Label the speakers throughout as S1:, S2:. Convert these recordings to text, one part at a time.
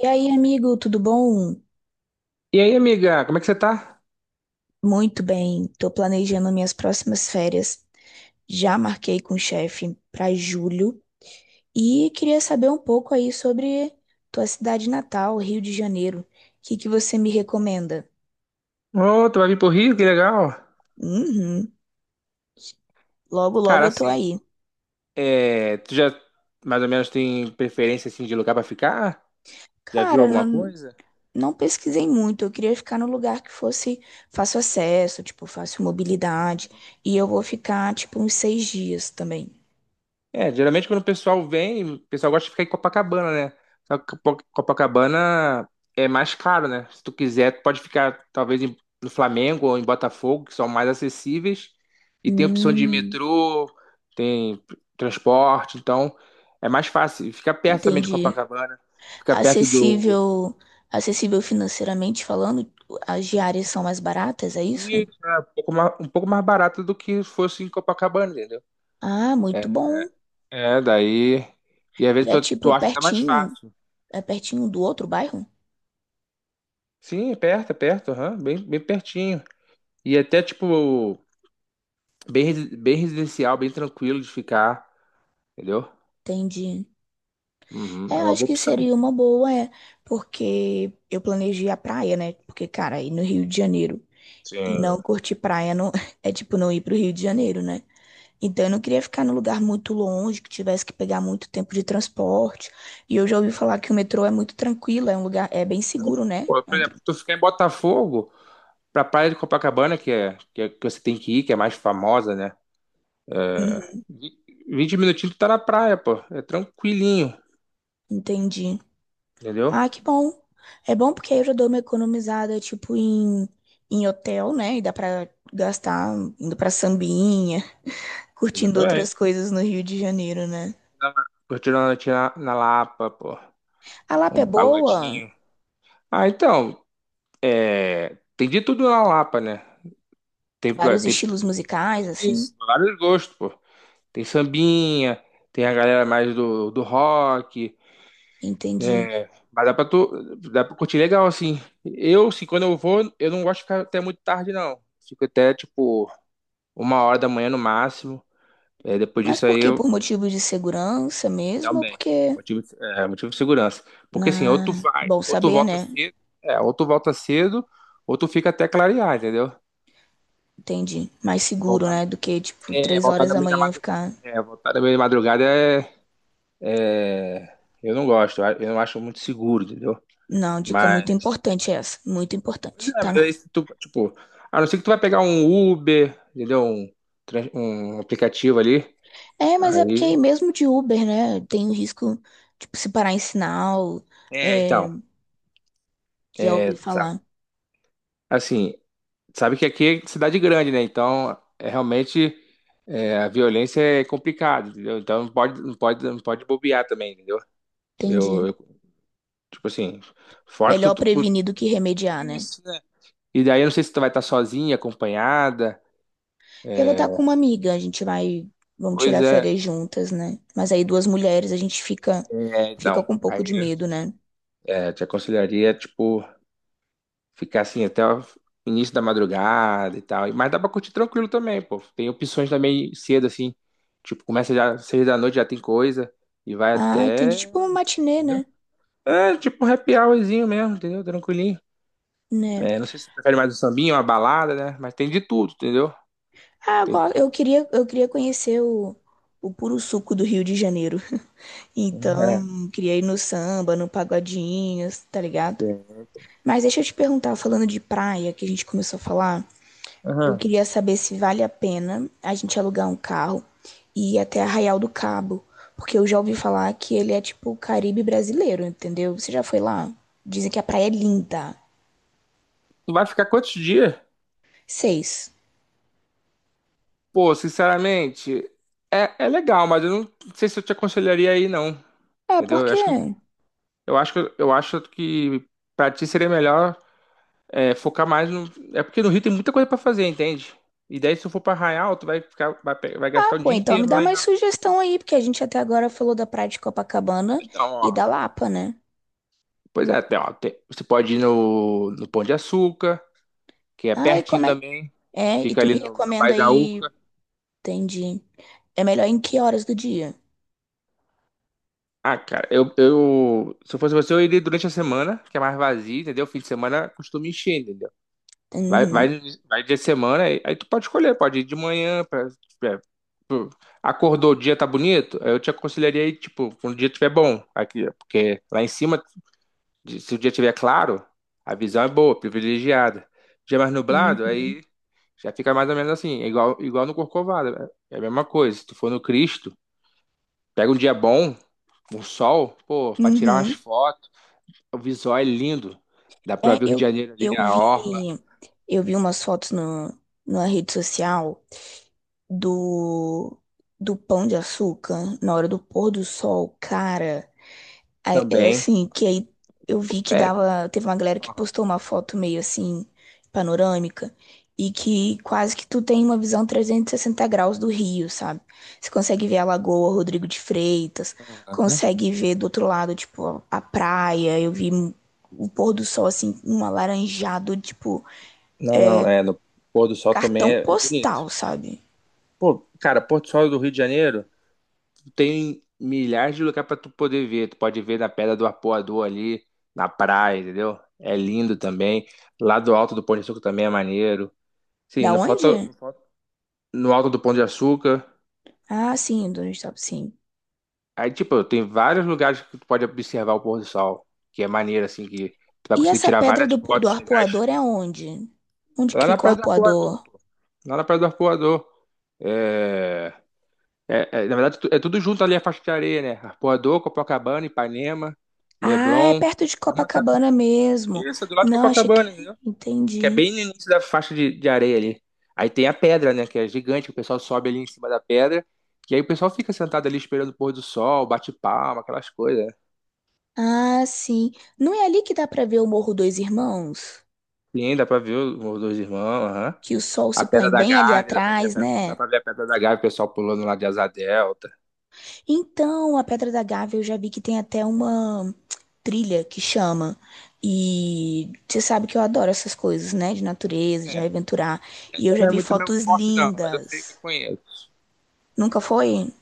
S1: E aí, amigo, tudo bom?
S2: E aí, amiga, como é que você tá?
S1: Muito bem. Tô planejando minhas próximas férias. Já marquei com o chefe para julho e queria saber um pouco aí sobre tua cidade natal, Rio de Janeiro. O que que você me recomenda?
S2: Ô, tu vai vir pro Rio, que legal.
S1: Uhum. Logo, logo
S2: Cara,
S1: eu tô
S2: assim,
S1: aí.
S2: é, tu já mais ou menos tem preferência assim de lugar pra ficar? Já viu
S1: Cara,
S2: alguma
S1: não,
S2: coisa?
S1: não pesquisei muito. Eu queria ficar no lugar que fosse fácil acesso, tipo, fácil mobilidade. E eu vou ficar, tipo, uns 6 dias também.
S2: É, geralmente quando o pessoal vem, o pessoal gosta de ficar em Copacabana, né? Só que Copacabana é mais caro, né? Se tu quiser, tu pode ficar no Flamengo ou em Botafogo, que são mais acessíveis, e tem opção de
S1: Hum,
S2: metrô, tem transporte, então é mais fácil. E fica perto também de
S1: entendi.
S2: Copacabana, fica perto do.
S1: Acessível, acessível financeiramente falando, as diárias são mais baratas, é isso?
S2: Isso, é um pouco mais barato do que fosse em Copacabana, entendeu?
S1: Ah, muito
S2: É,
S1: bom.
S2: daí. E às
S1: E
S2: vezes
S1: é
S2: tu
S1: tipo
S2: acha até mais
S1: pertinho,
S2: fácil.
S1: é pertinho do outro bairro?
S2: Sim, é perto, aham, bem, bem pertinho. E até, tipo, bem residencial, bem tranquilo de ficar, entendeu?
S1: Entendi.
S2: Uhum,
S1: É,
S2: é uma
S1: acho
S2: boa
S1: que
S2: opção.
S1: seria uma boa, é, porque eu planejei a praia, né? Porque, cara, ir no Rio de Janeiro e
S2: Sim.
S1: não curtir praia não é tipo não ir pro Rio de Janeiro, né? Então eu não queria ficar num lugar muito longe, que tivesse que pegar muito tempo de transporte. E eu já ouvi falar que o metrô é muito tranquilo, é um lugar, é bem seguro, né?
S2: Pô, por exemplo, tu ficar em Botafogo, pra Praia de Copacabana, que você tem que ir, que é mais famosa, né?
S1: Uhum,
S2: Vi- 20 minutinhos tu tá na praia, pô. É tranquilinho,
S1: entendi.
S2: entendeu?
S1: Ah, que bom. É bom porque aí eu já dou uma economizada, tipo, em, em hotel, né? E dá pra gastar indo pra sambinha, curtindo outras
S2: Exatamente.
S1: coisas no Rio de Janeiro, né?
S2: Curtindo a noite na Lapa, pô.
S1: A Lapa é
S2: Um
S1: boa,
S2: pagodinho. Ah, então, é, tem de tudo na Lapa, né? Tem, pra-
S1: vários
S2: tem
S1: estilos musicais, assim.
S2: Isso, vários gostos, pô. Tem sambinha, tem a galera do rock,
S1: Entendi.
S2: mas dá pra curtir legal, assim. Eu, assim, quando eu vou, eu não gosto de ficar até muito tarde, não. Fico até, tipo, uma hora da manhã no máximo. É, depois
S1: Mas
S2: disso
S1: por
S2: aí
S1: quê?
S2: eu
S1: Por motivo de segurança mesmo? Ou
S2: também.
S1: porque,
S2: Motivo, motivo de segurança. Porque assim, ou tu vai,
S1: Bom
S2: ou tu
S1: saber,
S2: volta
S1: né?
S2: cedo, é, ou tu volta cedo, ou tu fica até clarear, entendeu?
S1: Entendi. Mais seguro,
S2: Voltar,
S1: né? Do que, tipo,
S2: é,
S1: três
S2: voltar
S1: horas
S2: no
S1: da
S2: meio da
S1: manhã
S2: madrugada.
S1: ficar...
S2: É, voltar no meio da madrugada é. É, eu não gosto, eu não acho muito seguro, entendeu?
S1: Não, dica muito
S2: Mas,
S1: importante é essa. Muito
S2: pois
S1: importante.
S2: é,
S1: Tá.
S2: mas aí se tu, tipo, a não ser que tu vai pegar um Uber, entendeu? Um aplicativo ali,
S1: É, mas é porque
S2: aí...
S1: aí mesmo de Uber, né? Tem o risco, tipo, se parar em sinal.
S2: É,
S1: É,
S2: então,
S1: já
S2: é,
S1: ouvi
S2: sabe,
S1: falar.
S2: assim, sabe que aqui é cidade grande, né? Então, é realmente, é, a violência é complicada, entendeu? Então, não pode bobear também, entendeu?
S1: Entendi.
S2: Eu, eu, tipo assim, fora que tu...
S1: Melhor
S2: tu-
S1: prevenir do que remediar, né?
S2: Isso, né? E daí, eu não sei se tu vai estar sozinha, acompanhada,
S1: Eu vou estar com uma amiga, a gente vai. Vamos
S2: pois
S1: tirar
S2: é.
S1: férias juntas, né? Mas aí duas mulheres, a gente fica,
S2: É,
S1: fica
S2: então,
S1: com um pouco de
S2: aí
S1: medo, né?
S2: é, te aconselharia, tipo, ficar assim até o início da madrugada e tal. Mas dá pra curtir tranquilo também, pô. Tem opções também cedo, assim. Tipo, começa já seis da noite, já tem coisa. E vai
S1: Ah, entendi.
S2: até.
S1: Tipo uma matinê,
S2: Entendeu?
S1: né?
S2: É, tipo um happy hourzinho mesmo, entendeu? Tranquilinho.
S1: Né?
S2: É, não sei se você prefere mais um sambinho, uma balada, né? Mas tem de tudo, entendeu?
S1: Ah,
S2: Tem.
S1: agora eu queria conhecer o puro suco do Rio de Janeiro. Então,
S2: É,
S1: queria ir no samba, no pagodinho, tá ligado?
S2: tem.
S1: Mas deixa eu te perguntar, falando de praia, que a gente começou a falar, eu
S2: Aham.
S1: queria saber se vale a pena a gente alugar um carro e ir até Arraial do Cabo, porque eu já ouvi falar que ele é tipo o Caribe brasileiro, entendeu? Você já foi lá? Dizem que a praia é linda.
S2: Tu vai ficar quantos dias?
S1: 6.
S2: Pô, sinceramente, é, é legal, mas eu não sei se eu te aconselharia aí, não.
S1: Ah, por
S2: Entendeu?
S1: quê?
S2: Eu acho que pra ti seria melhor é, focar mais no. É porque no Rio tem muita coisa pra fazer, entende? E daí, se tu for pra Arraial, tu vai ficar, vai, pe- vai
S1: Ah,
S2: gastar o
S1: pô,
S2: dia
S1: então me
S2: inteiro
S1: dá
S2: lá em
S1: mais
S2: Arraial.
S1: sugestão aí, porque a gente até agora falou da praia de Copacabana
S2: Então,
S1: e
S2: ó.
S1: da Lapa, né?
S2: Pois é, você pode ir no Pão de Açúcar, que é
S1: Ah, e
S2: pertinho
S1: como é?
S2: também.
S1: É, e
S2: Fica
S1: tu
S2: ali
S1: me
S2: no
S1: recomenda
S2: bairro da
S1: aí,
S2: Urca.
S1: entendi. É melhor em que horas do dia?
S2: Ah, cara, eu, eu. Se eu fosse você, eu iria durante a semana, que é mais vazio, entendeu? Fim de semana costuma encher, entendeu? Vai,
S1: Uhum.
S2: vai, vai dia de semana, aí tu pode escolher, pode ir de manhã, pra. Acordou, o dia tá bonito? Aí eu te aconselharia aí, tipo, quando o dia tiver bom, aqui, porque lá em cima, se o dia tiver claro, a visão é boa, privilegiada. Dia mais nublado, aí
S1: Uhum.
S2: já fica mais ou menos assim, é igual no Corcovado, né? É a mesma coisa. Se tu for no Cristo, pega um dia bom, um sol, pô, pra tirar umas
S1: Uhum.
S2: fotos, o visual é lindo. Dá pra
S1: É,
S2: ver o Rio de Janeiro
S1: eu
S2: ali, a
S1: vi,
S2: orla
S1: eu vi umas fotos no, na rede social do, do Pão de Açúcar na hora do pôr do sol. Cara, aí, é
S2: também.
S1: assim, que aí eu vi que
S2: É.
S1: dava. Teve uma galera que
S2: Aham,
S1: postou uma foto meio assim, panorâmica, e que quase que tu tem uma visão 360 graus do Rio, sabe? Você consegue ver a Lagoa Rodrigo de Freitas,
S2: aham.
S1: consegue ver do outro lado, tipo, a praia. O pôr do sol, assim, um alaranjado, tipo,
S2: Não, não, é, no pôr do sol também
S1: cartão
S2: é
S1: postal,
S2: bonito.
S1: sabe?
S2: Pô, cara, Porto Sol do Rio de Janeiro tem milhares de lugares pra tu poder ver. Tu pode ver na Pedra do Apoador ali, na praia, entendeu? É lindo também. Lá do Alto do Pão de Açúcar também é maneiro. Sim,
S1: Da
S2: Não
S1: onde?
S2: falta. No Alto do Pão de Açúcar.
S1: Ah, sim, do onde sim.
S2: Aí, tipo, tem vários lugares que tu pode observar o pôr do sol, que é maneiro, assim, que tu vai
S1: E
S2: conseguir
S1: essa
S2: tirar
S1: pedra
S2: várias
S1: do
S2: fotos legais.
S1: arpoador é onde? Onde que
S2: Lá na
S1: fica o
S2: Praia do Arpoador,
S1: arpoador?
S2: lá na Praia do Arpoador. É, é, é, na verdade, é tudo junto ali a faixa de areia, né? Arpoador, Copacabana, Ipanema,
S1: Ah, é
S2: Leblon.
S1: perto de
S2: É uma. tra-
S1: Copacabana mesmo.
S2: Isso, é do lado de
S1: Não, achei que.
S2: Copacabana, entendeu?
S1: É,
S2: Que é
S1: entendi.
S2: bem no início da faixa de areia ali. Aí tem a pedra, né? Que é gigante, o pessoal sobe ali em cima da pedra. E aí o pessoal fica sentado ali esperando o pôr do sol, bate palma, aquelas coisas, né?
S1: Ah, sim. Não é ali que dá pra ver o Morro Dois Irmãos?
S2: Sim, dá pra ver os dois irmãos, aham.
S1: Que o sol se
S2: A
S1: põe
S2: Pedra da
S1: bem ali
S2: Gávea, dá pra ver a
S1: atrás,
S2: Pedra, dá
S1: né?
S2: pra ver a Pedra da Gávea, o pessoal pulando lá de asa delta.
S1: Então, a Pedra da Gávea eu já vi que tem até uma trilha que chama. E você sabe que eu adoro essas coisas, né? De natureza, de me
S2: É,
S1: aventurar. E eu
S2: ainda
S1: já
S2: não é
S1: vi
S2: muito meu
S1: fotos
S2: forte, não, mas eu sei que eu
S1: lindas.
S2: conheço.
S1: Nunca foi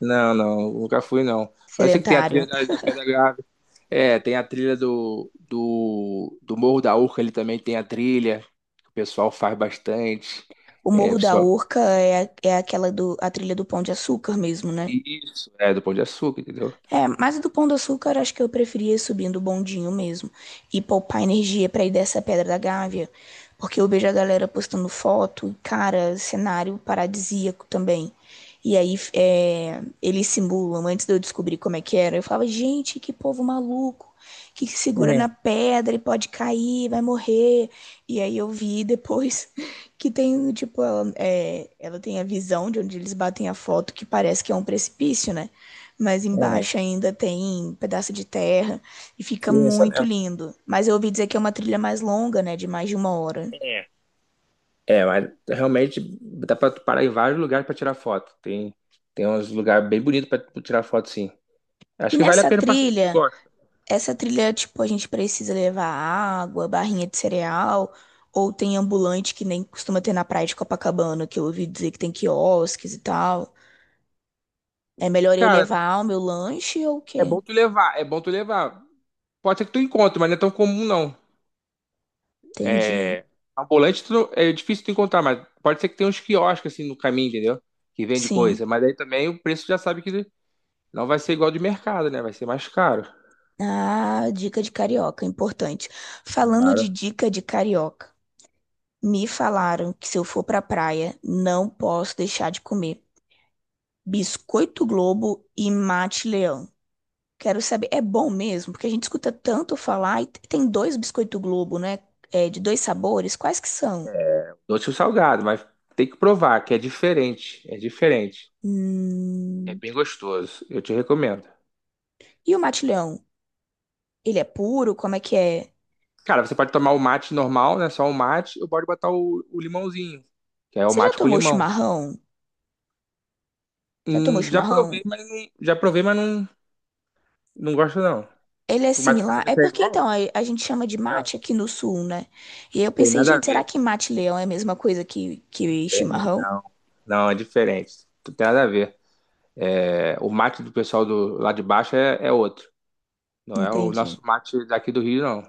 S2: Não, não, nunca fui não. Mas eu sei que tem a trilha
S1: sedentário.
S2: da Pedra Grave. É, tem a trilha do Morro da Urca ali também tem a trilha. Que O pessoal faz bastante.
S1: O
S2: É,
S1: Morro da
S2: pessoal...
S1: Urca é, é aquela do, a trilha do Pão de Açúcar mesmo, né?
S2: Isso, é do Pão de Açúcar, entendeu?
S1: É, mas do Pão de Açúcar, acho que eu preferia ir subindo o bondinho mesmo. E poupar energia pra ir dessa Pedra da Gávea. Porque eu vejo a galera postando foto, e, cara, cenário paradisíaco também. E aí, eles simulam, antes de eu descobrir como é que era, eu falava, gente, que povo maluco, que segura na
S2: É,
S1: pedra e pode cair, vai morrer. E aí eu vi depois que tem, tipo, ela, é, ela tem a visão de onde eles batem a foto, que parece que é um precipício, né? Mas
S2: é,
S1: embaixo ainda tem pedaço de terra e fica
S2: que é essa
S1: muito
S2: mesmo.
S1: lindo. Mas eu ouvi dizer que é
S2: Dá
S1: uma
S2: pra-
S1: trilha mais longa, né, de mais de uma hora.
S2: É. É, mas realmente dá pra tu parar em vários lugares pra tirar foto. Tem uns lugares bem bonitos pra tu tirar foto, sim. Acho
S1: E
S2: que vale a
S1: nessa
S2: pena passear se tu
S1: trilha,
S2: gosta.
S1: essa trilha, tipo, a gente precisa levar água, barrinha de cereal, ou tem ambulante que nem costuma ter na praia de Copacabana, que eu ouvi dizer que tem quiosques e tal. É melhor eu
S2: Cara,
S1: levar o meu lanche ou o quê?
S2: é bom tu levar. Pode ser que tu encontre, mas não é tão comum não.
S1: Entendi.
S2: É, ambulante tu não- é difícil tu encontrar, mas pode ser que tenha uns quiosques assim no caminho, entendeu? Que vende
S1: Sim.
S2: coisa. Mas aí também o preço já sabe que não vai ser igual de mercado, né? Vai ser mais caro.
S1: Ah, dica de carioca, importante. Falando de
S2: Claro.
S1: dica de carioca, me falaram que se eu for pra praia, não posso deixar de comer biscoito Globo e mate leão. Quero saber, é bom mesmo? Porque a gente escuta tanto falar e tem dois biscoito Globo, né? É, de dois sabores, quais que são?
S2: Doce ou salgado, mas tem que provar que é diferente. É diferente. É
S1: Hum.
S2: bem gostoso. Eu te recomendo.
S1: E o mate leão? Ele é puro? Como é que é?
S2: Cara, você pode tomar o mate normal, né? Só o mate, ou pode botar o limãozinho, que é o
S1: Você já
S2: mate com
S1: tomou
S2: limão.
S1: chimarrão? Já tomou chimarrão?
S2: Já provei, mas não, não gosto não.
S1: Ele é
S2: Mas tu quer
S1: similar?
S2: saber
S1: É
S2: se é
S1: porque
S2: igual?
S1: então a gente chama de mate aqui no sul, né? E aí eu
S2: Tem
S1: pensei,
S2: nada a
S1: gente, será
S2: ver.
S1: que mate leão é a mesma coisa que
S2: Tem, né?
S1: chimarrão?
S2: Não, não, é diferente. Não tem nada a ver. É, o mate do pessoal do, lá de baixo é outro. Não é o nosso
S1: Entendi.
S2: mate daqui do Rio, não.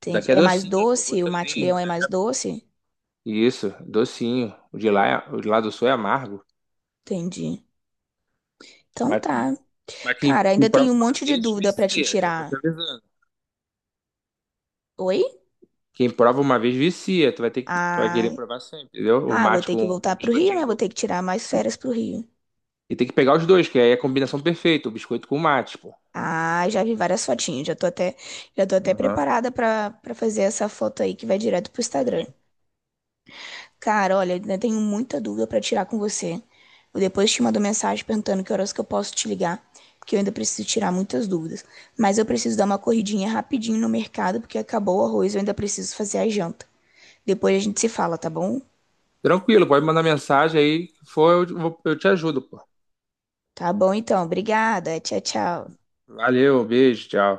S1: Entendi.
S2: Daqui é
S1: É mais
S2: docinho, pô,
S1: doce? O mate
S2: gostosinho.
S1: leão é
S2: É.
S1: mais doce?
S2: Isso, docinho. O de lá, o de lá do sul é amargo.
S1: Entendi. Então
S2: Mas,
S1: tá.
S2: mas
S1: Cara,
S2: quem
S1: ainda tem
S2: prova
S1: um
S2: uma
S1: monte de
S2: vez,
S1: dúvida pra te
S2: vicia. Já vou te
S1: tirar.
S2: avisando.
S1: Oi?
S2: Quem prova uma vez, vicia. Tu vai
S1: Ai.
S2: querer provar sempre, entendeu? O
S1: Ah, vou
S2: mate
S1: ter que
S2: com
S1: voltar pro Rio, né? Vou
S2: biscoitinho.
S1: ter que tirar mais
S2: E,
S1: férias pro Rio.
S2: e tem que pegar os dois, que aí é a combinação perfeita. O biscoito com o mate, pô.
S1: Ah, já vi várias fotinhas. Já tô até
S2: Aham.
S1: preparada pra para fazer essa foto aí que vai direto pro Instagram. Cara, olha, ainda tenho muita dúvida pra tirar com você. Eu depois te mando mensagem perguntando que horas que eu posso te ligar, porque eu ainda preciso tirar muitas dúvidas. Mas eu preciso dar uma corridinha rapidinho no mercado, porque acabou o arroz, eu ainda preciso fazer a janta. Depois a gente se fala, tá bom?
S2: Tranquilo, pode mandar mensagem aí. Se for, eu te ajudo, pô.
S1: Tá bom então, obrigada. Tchau, tchau.
S2: Valeu, beijo, tchau.